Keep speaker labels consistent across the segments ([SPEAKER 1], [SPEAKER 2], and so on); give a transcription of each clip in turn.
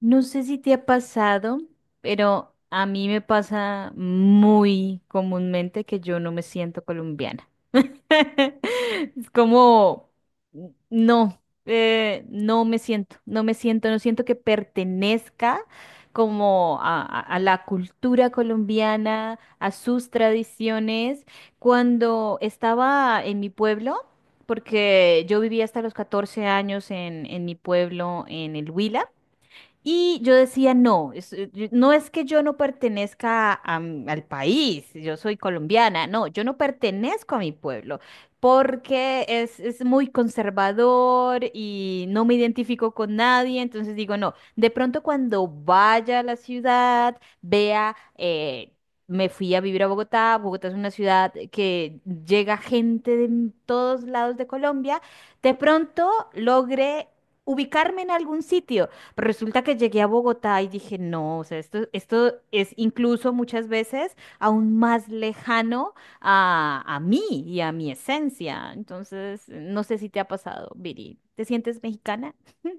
[SPEAKER 1] No sé si te ha pasado, pero a mí me pasa muy comúnmente que yo no me siento colombiana. Es como, no, no siento que pertenezca como a la cultura colombiana, a sus tradiciones. Cuando estaba en mi pueblo, porque yo vivía hasta los 14 años en mi pueblo, en el Huila, y yo decía, no, no es que yo no pertenezca al país, yo soy colombiana, no, yo no pertenezco a mi pueblo porque es muy conservador y no me identifico con nadie, entonces digo, no, de pronto cuando vaya a la ciudad, vea, me fui a vivir a Bogotá. Bogotá es una ciudad que llega gente todos lados de Colombia, de pronto logré ubicarme en algún sitio. Pero resulta que llegué a Bogotá y dije, no, o sea, esto es incluso muchas veces aún más lejano a mí y a mi esencia. Entonces, no sé si te ha pasado, Viri. ¿Te sientes mexicana?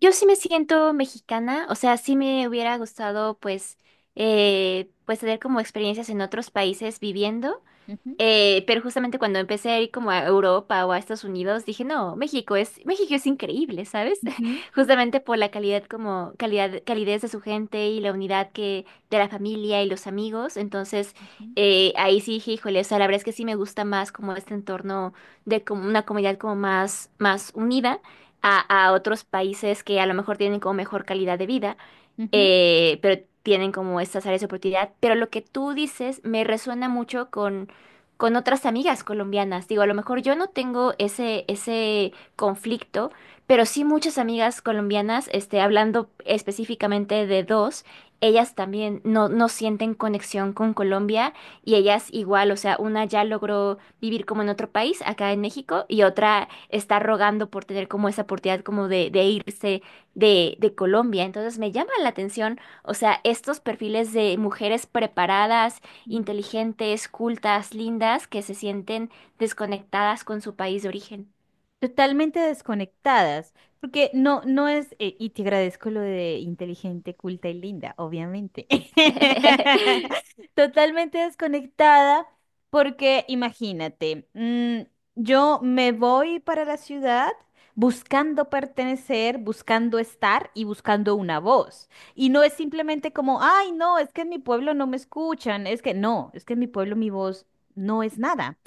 [SPEAKER 2] Yo sí me siento mexicana, o sea, sí me hubiera gustado pues tener como experiencias en otros países viviendo.
[SPEAKER 1] Ujú.
[SPEAKER 2] Pero justamente cuando empecé a ir como a Europa o a Estados Unidos, dije, no, México es increíble, ¿sabes?
[SPEAKER 1] Ujú.
[SPEAKER 2] Justamente por la calidez de su gente y la unidad de la familia y los amigos. Entonces, ahí sí dije, híjole, o sea, la verdad es que sí me gusta más como este entorno de como una comunidad como más unida a, a otros países que a lo mejor tienen como mejor calidad de vida,
[SPEAKER 1] Ujú.
[SPEAKER 2] pero tienen como estas áreas de oportunidad. Pero lo que tú dices me resuena mucho con otras amigas colombianas. Digo, a lo mejor yo no tengo ese conflicto, pero sí muchas amigas colombianas, hablando específicamente de dos, ellas también no sienten conexión con Colombia, y ellas igual, o sea, una ya logró vivir como en otro país, acá en México, y otra está rogando por tener como esa oportunidad como de irse de Colombia. Entonces me llama la atención, o sea, estos perfiles de mujeres preparadas,
[SPEAKER 1] Ujú.
[SPEAKER 2] inteligentes, cultas, lindas, que se sienten desconectadas con su país de origen.
[SPEAKER 1] Totalmente desconectadas, porque no, no es, y te agradezco lo de inteligente, culta y linda, obviamente. Totalmente desconectada, porque imagínate, yo me voy para la ciudad buscando pertenecer, buscando estar y buscando una voz. Y no es simplemente como, ay, no, es que en mi pueblo no me escuchan, es que no, es que en mi pueblo mi voz no es nada.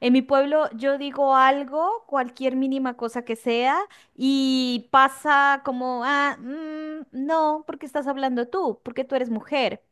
[SPEAKER 1] En mi pueblo yo digo algo, cualquier mínima cosa que sea, y pasa como, ah, no, porque estás hablando tú, porque tú eres mujer.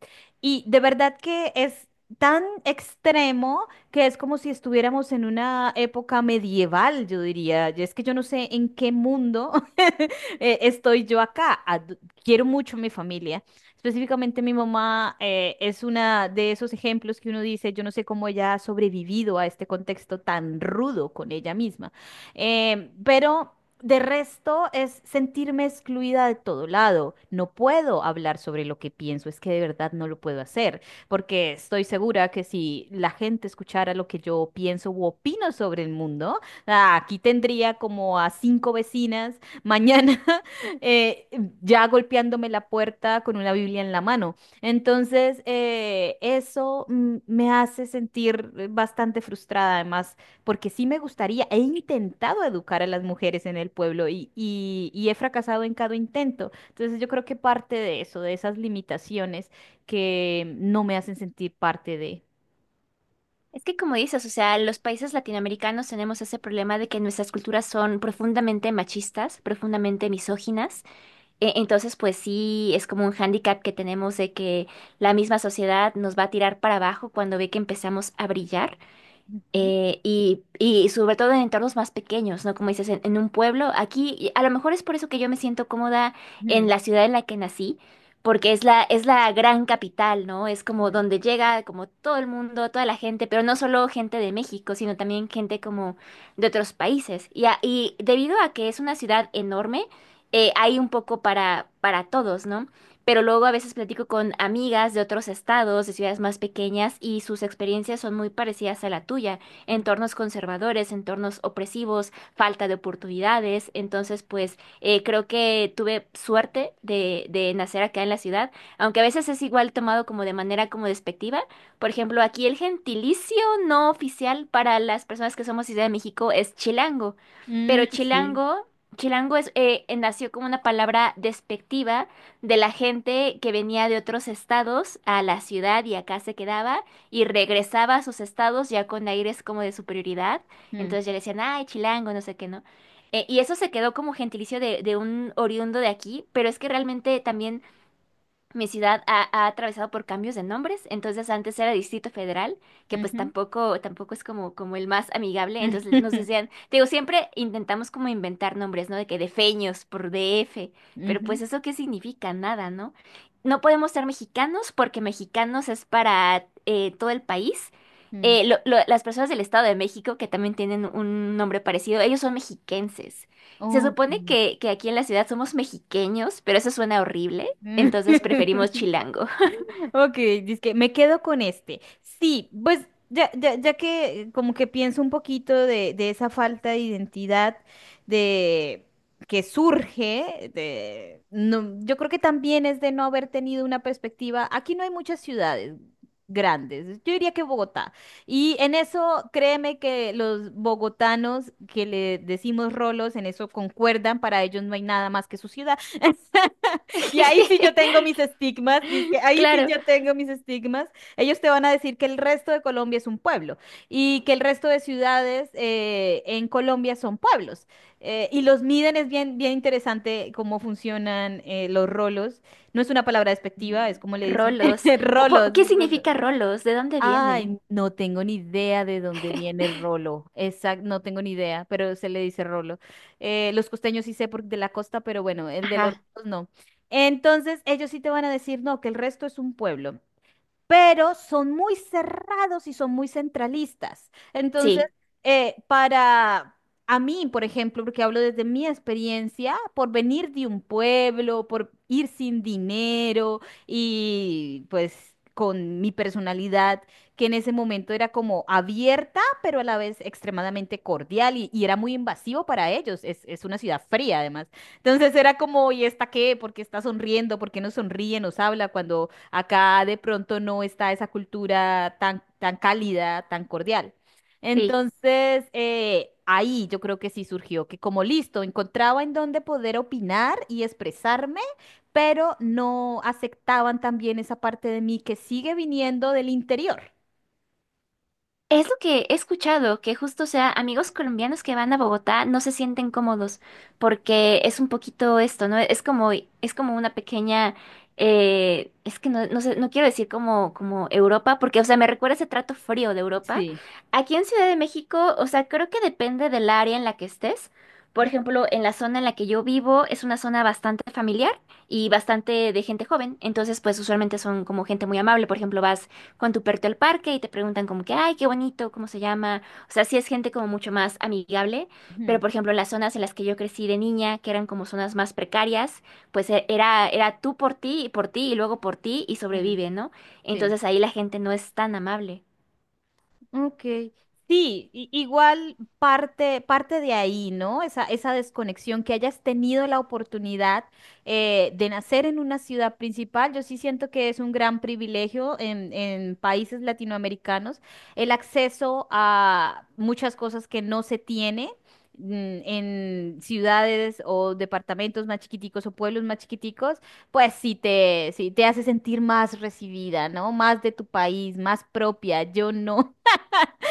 [SPEAKER 1] Y de verdad que es tan extremo que es como si estuviéramos en una época medieval, yo diría. Y es que yo no sé en qué mundo estoy yo acá. Quiero mucho a mi familia, específicamente mi mamá es una de esos ejemplos que uno dice, yo no sé cómo ella ha sobrevivido a este contexto tan rudo con ella misma. Pero de resto es sentirme excluida de todo lado. No puedo hablar sobre lo que pienso, es que de verdad no lo puedo hacer, porque estoy segura que si la gente escuchara lo que yo pienso u opino sobre el mundo, aquí tendría como a cinco vecinas mañana. eh, ya golpeándome la puerta con una Biblia en la mano. Entonces, eso me hace sentir bastante frustrada, además, porque sí me gustaría, he intentado educar a las mujeres en el pueblo y he fracasado en cada intento. Entonces, yo creo que parte de eso, de esas limitaciones que no me hacen sentir parte de...
[SPEAKER 2] Es que como dices, o sea, los países latinoamericanos tenemos ese problema de que nuestras culturas son profundamente machistas, profundamente misóginas. Entonces, pues sí, es como un hándicap que tenemos de que la misma sociedad nos va a tirar para abajo cuando ve que empezamos a brillar.
[SPEAKER 1] Ujú,
[SPEAKER 2] Y sobre todo en entornos más pequeños, ¿no? Como dices, en un pueblo, aquí, y a lo mejor es por eso que yo me siento cómoda en
[SPEAKER 1] ujú,
[SPEAKER 2] la ciudad en la que nací, porque es la gran capital, ¿no? Es como
[SPEAKER 1] ujú,
[SPEAKER 2] donde llega como todo el mundo, toda la gente, pero no solo gente de México, sino también gente como de otros países. Y, y debido a que es una ciudad enorme, hay un poco para todos, ¿no? Pero luego a veces platico con amigas de otros estados, de ciudades más pequeñas, y sus experiencias son muy parecidas a la tuya:
[SPEAKER 1] ujú.
[SPEAKER 2] entornos conservadores, entornos opresivos, falta de oportunidades. Entonces, pues creo que tuve suerte de nacer acá en la ciudad, aunque a veces es igual tomado como de manera como despectiva. Por ejemplo, aquí el gentilicio no oficial para las personas que somos Ciudad de México es chilango,
[SPEAKER 1] Mm,
[SPEAKER 2] pero
[SPEAKER 1] sí.
[SPEAKER 2] chilango es, nació como una palabra despectiva de la gente que venía de otros estados a la ciudad y acá se quedaba y regresaba a sus estados ya con aires como de superioridad.
[SPEAKER 1] Mm,
[SPEAKER 2] Entonces ya le decían, ay, chilango, no sé qué, ¿no? Y eso se quedó como gentilicio de un oriundo de aquí, pero es que realmente también mi ciudad ha atravesado por cambios de nombres. Entonces antes era Distrito Federal, que pues
[SPEAKER 1] ujú.
[SPEAKER 2] tampoco es como como el más amigable. Entonces nos decían, te digo, siempre intentamos como inventar nombres, ¿no? De que de Feños por DF,
[SPEAKER 1] Ujú,
[SPEAKER 2] pero
[SPEAKER 1] ujú,
[SPEAKER 2] pues eso qué significa, nada, ¿no? No podemos ser mexicanos porque mexicanos es para, todo el país.
[SPEAKER 1] mm.
[SPEAKER 2] Las personas del Estado de México, que también tienen un nombre parecido, ellos son mexiquenses. Se
[SPEAKER 1] Ok.
[SPEAKER 2] supone que aquí en la ciudad somos mexiqueños, pero eso suena horrible.
[SPEAKER 1] Mm.
[SPEAKER 2] Entonces preferimos chilango.
[SPEAKER 1] Ok, que me quedo con este. Sí, pues ya que como que pienso un poquito de esa falta de identidad de que surge de no, yo creo que también es de no haber tenido una perspectiva. Aquí no hay muchas ciudades grandes. Yo diría que Bogotá. Y en eso, créeme que los bogotanos, que le decimos rolos, en eso concuerdan: para ellos no hay nada más que su ciudad. Y ahí sí yo tengo mis estigmas, dizque, ahí sí
[SPEAKER 2] Claro.
[SPEAKER 1] yo tengo mis estigmas. Ellos te van a decir que el resto de Colombia es un pueblo y que el resto de ciudades en Colombia son pueblos. Y los miden, es bien, bien interesante cómo funcionan los rolos. No es una palabra despectiva, es como le dicen,
[SPEAKER 2] Rolos.
[SPEAKER 1] rolos,
[SPEAKER 2] ¿Qué
[SPEAKER 1] rolos.
[SPEAKER 2] significa rolos? ¿De dónde viene?
[SPEAKER 1] Ay, no tengo ni idea de dónde viene rolo. Exacto, no tengo ni idea, pero se le dice rolo. Los costeños sí sé por, de la costa, pero bueno, el de los
[SPEAKER 2] Ajá,
[SPEAKER 1] rolos no. Entonces, ellos sí te van a decir, no, que el resto es un pueblo, pero son muy cerrados y son muy centralistas. Entonces,
[SPEAKER 2] sí,
[SPEAKER 1] para a mí, por ejemplo, porque hablo desde mi experiencia, por venir de un pueblo, por ir sin dinero y pues con mi personalidad, que en ese momento era como abierta, pero a la vez extremadamente cordial y era muy invasivo para ellos. Es una ciudad fría, además. Entonces era como, ¿y esta qué? ¿Por qué está sonriendo? ¿Por qué no sonríe? ¿Nos habla cuando? Acá de pronto no está esa cultura tan, tan cálida, tan cordial.
[SPEAKER 2] sí.
[SPEAKER 1] Entonces, ahí yo creo que sí surgió, que como listo, encontraba en dónde poder opinar y expresarme, pero no aceptaban también esa parte de mí que sigue viniendo del interior.
[SPEAKER 2] Es lo que he escuchado, que justo, o sea, amigos colombianos que van a Bogotá no se sienten cómodos porque es un poquito esto, ¿no? Es como una pequeña, es que no sé, no quiero decir como Europa, porque, o sea, me recuerda ese trato frío de Europa.
[SPEAKER 1] Sí.
[SPEAKER 2] Aquí en Ciudad de México, o sea, creo que depende del área en la que estés. Por ejemplo, en la zona en la que yo vivo es una zona bastante familiar y bastante de gente joven, entonces pues usualmente son como gente muy amable. Por ejemplo, vas con tu perrito al parque y te preguntan como que, ay, qué bonito, cómo se llama. O sea, sí es gente como mucho más amigable, pero
[SPEAKER 1] Ujú,
[SPEAKER 2] por ejemplo, en las zonas en las que yo crecí de niña, que eran como zonas más precarias, pues era, era tú por ti y luego por ti y
[SPEAKER 1] mm,
[SPEAKER 2] sobrevive, ¿no?
[SPEAKER 1] sí.
[SPEAKER 2] Entonces ahí la gente no es tan amable.
[SPEAKER 1] Ok. Sí, igual parte de ahí, ¿no? Esa desconexión, que hayas tenido la oportunidad de nacer en una ciudad principal, yo sí siento que es un gran privilegio en países latinoamericanos, el acceso a muchas cosas que no se tiene. mm, en ciudades o departamentos más chiquiticos o pueblos más chiquiticos, pues sí te hace sentir más recibida, ¿no? Más de tu país, más propia. Yo no.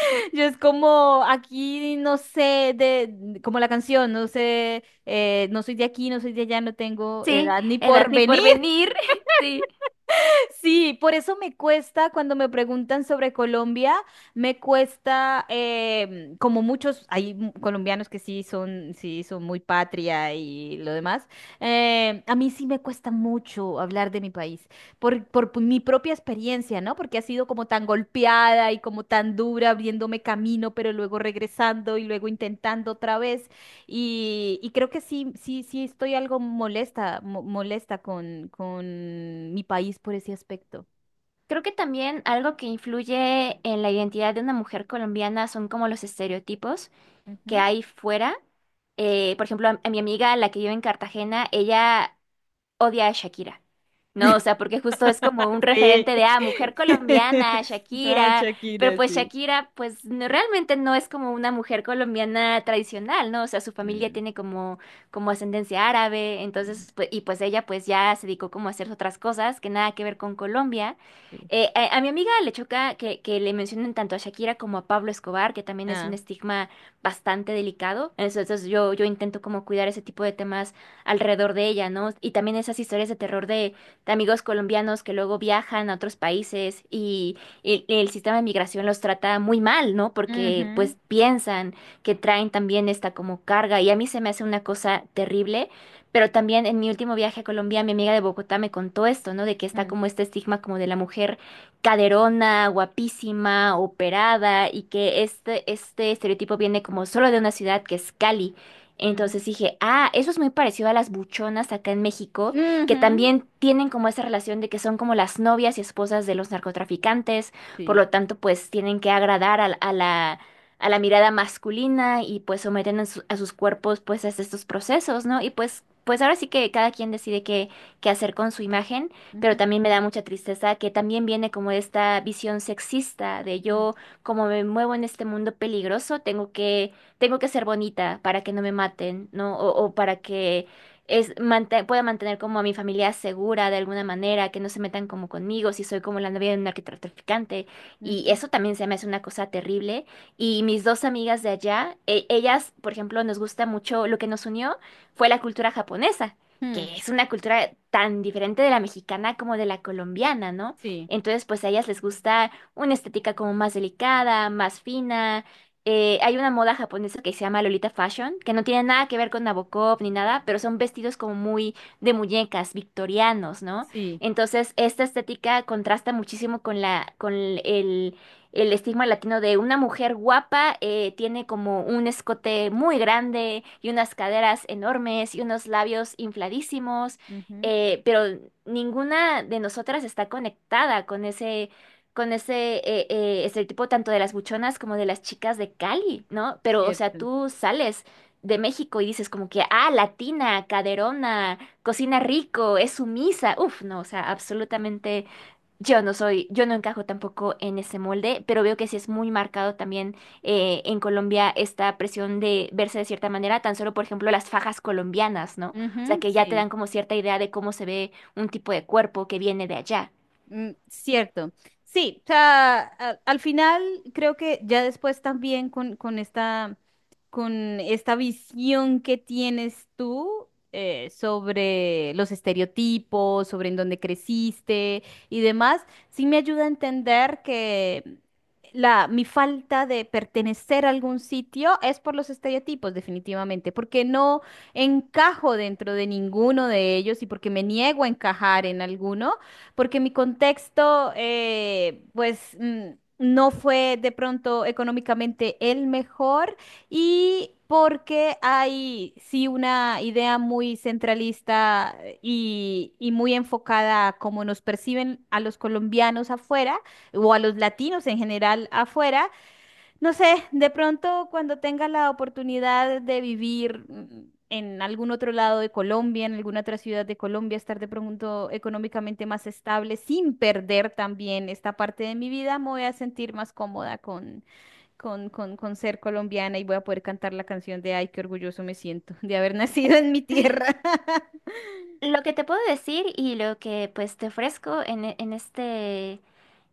[SPEAKER 1] Yo es como aquí, no sé, como la canción, no sé, no soy de aquí, no soy de allá, no tengo
[SPEAKER 2] Sí,
[SPEAKER 1] edad ni
[SPEAKER 2] edad ni
[SPEAKER 1] porvenir.
[SPEAKER 2] por venir. Sí.
[SPEAKER 1] Sí, por eso me cuesta cuando me preguntan sobre Colombia. Me cuesta, como muchos, hay colombianos que sí son muy patria y lo demás. A mí sí me cuesta mucho hablar de mi país, por mi propia experiencia, ¿no? Porque ha sido como tan golpeada y como tan dura, abriéndome camino, pero luego regresando y luego intentando otra vez. Y creo que sí estoy algo molesta, molesta con mi país por ese aspecto.
[SPEAKER 2] Creo que también algo que influye en la identidad de una mujer colombiana son como los estereotipos que
[SPEAKER 1] Ujú.
[SPEAKER 2] hay fuera. Eh, por ejemplo, a mi amiga, la que vive en Cartagena, ella odia a Shakira. No, o sea, porque justo es como un
[SPEAKER 1] Sí.
[SPEAKER 2] referente de, ah, mujer colombiana,
[SPEAKER 1] Ah,
[SPEAKER 2] Shakira, pero
[SPEAKER 1] Shakira,
[SPEAKER 2] pues
[SPEAKER 1] sí.
[SPEAKER 2] Shakira, pues realmente no es como una mujer colombiana tradicional, ¿no? O sea, su familia
[SPEAKER 1] Mm,
[SPEAKER 2] tiene como ascendencia árabe,
[SPEAKER 1] mm,
[SPEAKER 2] entonces, pues, y pues ella pues ya se dedicó como a hacer otras cosas que nada que ver con Colombia.
[SPEAKER 1] sí.
[SPEAKER 2] A mi amiga le choca que le mencionen tanto a Shakira como a Pablo Escobar, que también es un
[SPEAKER 1] Ah.
[SPEAKER 2] estigma bastante delicado. Entonces, yo intento como cuidar ese tipo de temas alrededor de ella, ¿no? Y también esas historias de terror de amigos colombianos que luego viajan a otros países y el sistema de migración los trata muy mal, ¿no? Porque
[SPEAKER 1] Ujú,
[SPEAKER 2] pues piensan que traen también esta como carga y a mí se me hace una cosa terrible. Pero también en mi último viaje a Colombia, mi amiga de Bogotá me contó esto, ¿no? De que está
[SPEAKER 1] mm,
[SPEAKER 2] como este estigma como de la mujer caderona, guapísima, operada, y que este estereotipo viene como solo de una ciudad que es Cali.
[SPEAKER 1] ujú,
[SPEAKER 2] Entonces dije, ah, eso es muy parecido a las buchonas acá en México, que
[SPEAKER 1] ujú,
[SPEAKER 2] también tienen como esa relación de que son como las novias y esposas de los narcotraficantes, por
[SPEAKER 1] sí.
[SPEAKER 2] lo tanto, pues tienen que agradar a la mirada masculina, y pues someten a sus cuerpos pues a estos procesos, ¿no? Y pues, pues ahora sí que cada quien decide qué hacer con su imagen, pero
[SPEAKER 1] Ujú,
[SPEAKER 2] también me da mucha tristeza que también viene como esta visión sexista de
[SPEAKER 1] mm,
[SPEAKER 2] yo, como me muevo en este mundo peligroso, tengo que ser bonita para que no me maten, ¿no? O para que es, pueda mantener como a mi familia segura de alguna manera, que no se metan como conmigo, si soy como la novia de un narcotraficante. Y
[SPEAKER 1] ujú,
[SPEAKER 2] eso también se me hace una cosa terrible. Y mis dos amigas de allá, ellas, por ejemplo, nos gusta mucho, lo que nos unió fue la cultura japonesa,
[SPEAKER 1] mm,
[SPEAKER 2] que es una cultura tan diferente de la mexicana como de la colombiana, ¿no?
[SPEAKER 1] sí.
[SPEAKER 2] Entonces, pues a ellas les gusta una estética como más delicada, más fina. Hay una moda japonesa que se llama Lolita Fashion, que no tiene nada que ver con Nabokov ni nada, pero son vestidos como muy de muñecas, victorianos, ¿no?
[SPEAKER 1] Sí.
[SPEAKER 2] Entonces, esta estética contrasta muchísimo con el estigma latino de una mujer guapa. Tiene como un escote muy grande y unas caderas enormes y unos labios infladísimos,
[SPEAKER 1] Ujú,
[SPEAKER 2] pero ninguna de nosotras está conectada con ese estereotipo, tanto de las buchonas como de las chicas de Cali, ¿no? Pero, o sea,
[SPEAKER 1] cierto.
[SPEAKER 2] tú sales de México y dices como que, ah, latina, caderona, cocina rico, es sumisa. Uf, no, o sea, absolutamente yo no soy, yo no encajo tampoco en ese molde, pero veo que sí es muy marcado también, en Colombia, esta presión de verse de cierta manera, tan solo, por ejemplo, las fajas colombianas, ¿no? O sea,
[SPEAKER 1] Ujú,
[SPEAKER 2] que ya te
[SPEAKER 1] sí.
[SPEAKER 2] dan como cierta idea de cómo se ve un tipo de cuerpo que viene de allá.
[SPEAKER 1] Mm, cierto. Sí, o sea, al final creo que ya después también con esta visión que tienes tú sobre los estereotipos, sobre en dónde creciste y demás, sí me ayuda a entender que mi falta de pertenecer a algún sitio es por los estereotipos, definitivamente, porque no encajo dentro de ninguno de ellos y porque me niego a encajar en alguno porque mi contexto, pues, no fue de pronto económicamente el mejor, y porque hay, sí, una idea muy centralista y muy enfocada a cómo nos perciben a los colombianos afuera o a los latinos en general afuera. No sé, de pronto cuando tenga la oportunidad de vivir en algún otro lado de Colombia, en alguna otra ciudad de Colombia, estar de pronto económicamente más estable, sin perder también esta parte de mi vida, me voy a sentir más cómoda con ser colombiana y voy a poder cantar la canción de ay, qué orgulloso me siento de haber nacido en mi tierra.
[SPEAKER 2] Lo que te puedo decir y lo que pues te ofrezco en,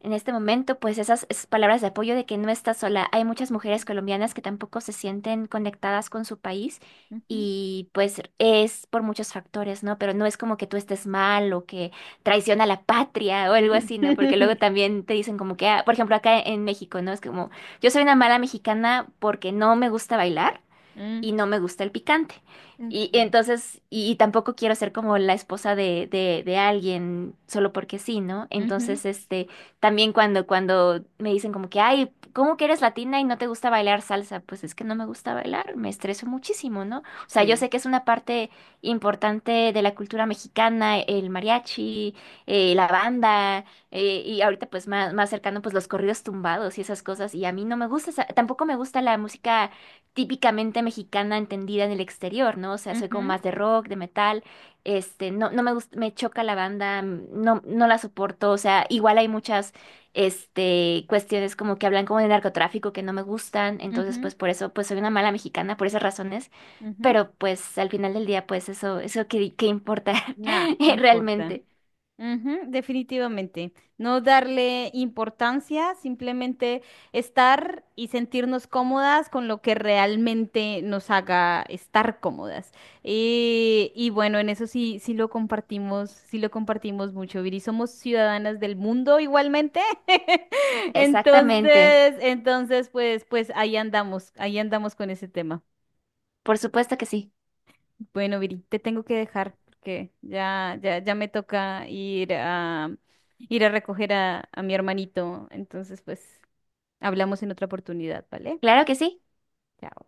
[SPEAKER 2] en este momento, pues esas, esas palabras de apoyo de que no estás sola. Hay muchas mujeres colombianas que tampoco se sienten conectadas con su país,
[SPEAKER 1] Ujú.
[SPEAKER 2] y pues es por muchos factores, ¿no? Pero no es como que tú estés mal o que traiciona a la patria o algo así, ¿no? Porque luego también te dicen como que, ah, por ejemplo, acá en México, ¿no? Es como, yo soy una mala mexicana porque no me gusta bailar
[SPEAKER 1] Mm,
[SPEAKER 2] y no me gusta el picante. Y
[SPEAKER 1] ok.
[SPEAKER 2] entonces, y tampoco quiero ser como la esposa de alguien solo porque sí, ¿no?
[SPEAKER 1] Ujú,
[SPEAKER 2] Entonces, también cuando me dicen como que, ay, ¿cómo que eres latina y no te gusta bailar salsa? Pues es que no me gusta bailar, me estreso muchísimo, ¿no? O sea, yo
[SPEAKER 1] sí.
[SPEAKER 2] sé que es una parte importante de la cultura mexicana, el mariachi, la banda, y ahorita pues más cercano pues los corridos tumbados y esas cosas, y a mí no me gusta. Tampoco me gusta la música típicamente mexicana entendida en el exterior, ¿no? O sea, soy como
[SPEAKER 1] Ujú,
[SPEAKER 2] más de rock, de metal, este, no me gusta, me choca la banda, no la soporto, o sea, igual hay muchas, cuestiones como que hablan como de narcotráfico que no me gustan. Entonces
[SPEAKER 1] ujú,
[SPEAKER 2] pues por eso, pues soy una mala mexicana, por esas razones,
[SPEAKER 1] ujú.
[SPEAKER 2] pero pues al final del día, pues eso qué importa
[SPEAKER 1] Nah, ¿qué importa?
[SPEAKER 2] realmente.
[SPEAKER 1] Ujú, definitivamente. No darle importancia, simplemente estar y sentirnos cómodas con lo que realmente nos haga estar cómodas. Y bueno, en eso sí, sí lo compartimos mucho, Viri. Somos ciudadanas del mundo igualmente.
[SPEAKER 2] Exactamente,
[SPEAKER 1] Entonces, pues ahí andamos con ese tema.
[SPEAKER 2] por supuesto que sí,
[SPEAKER 1] Bueno, Viri, te tengo que dejar porque ya me toca ir a recoger a mi hermanito. Entonces, pues, hablamos en otra oportunidad, ¿vale?
[SPEAKER 2] claro que sí.
[SPEAKER 1] Chao.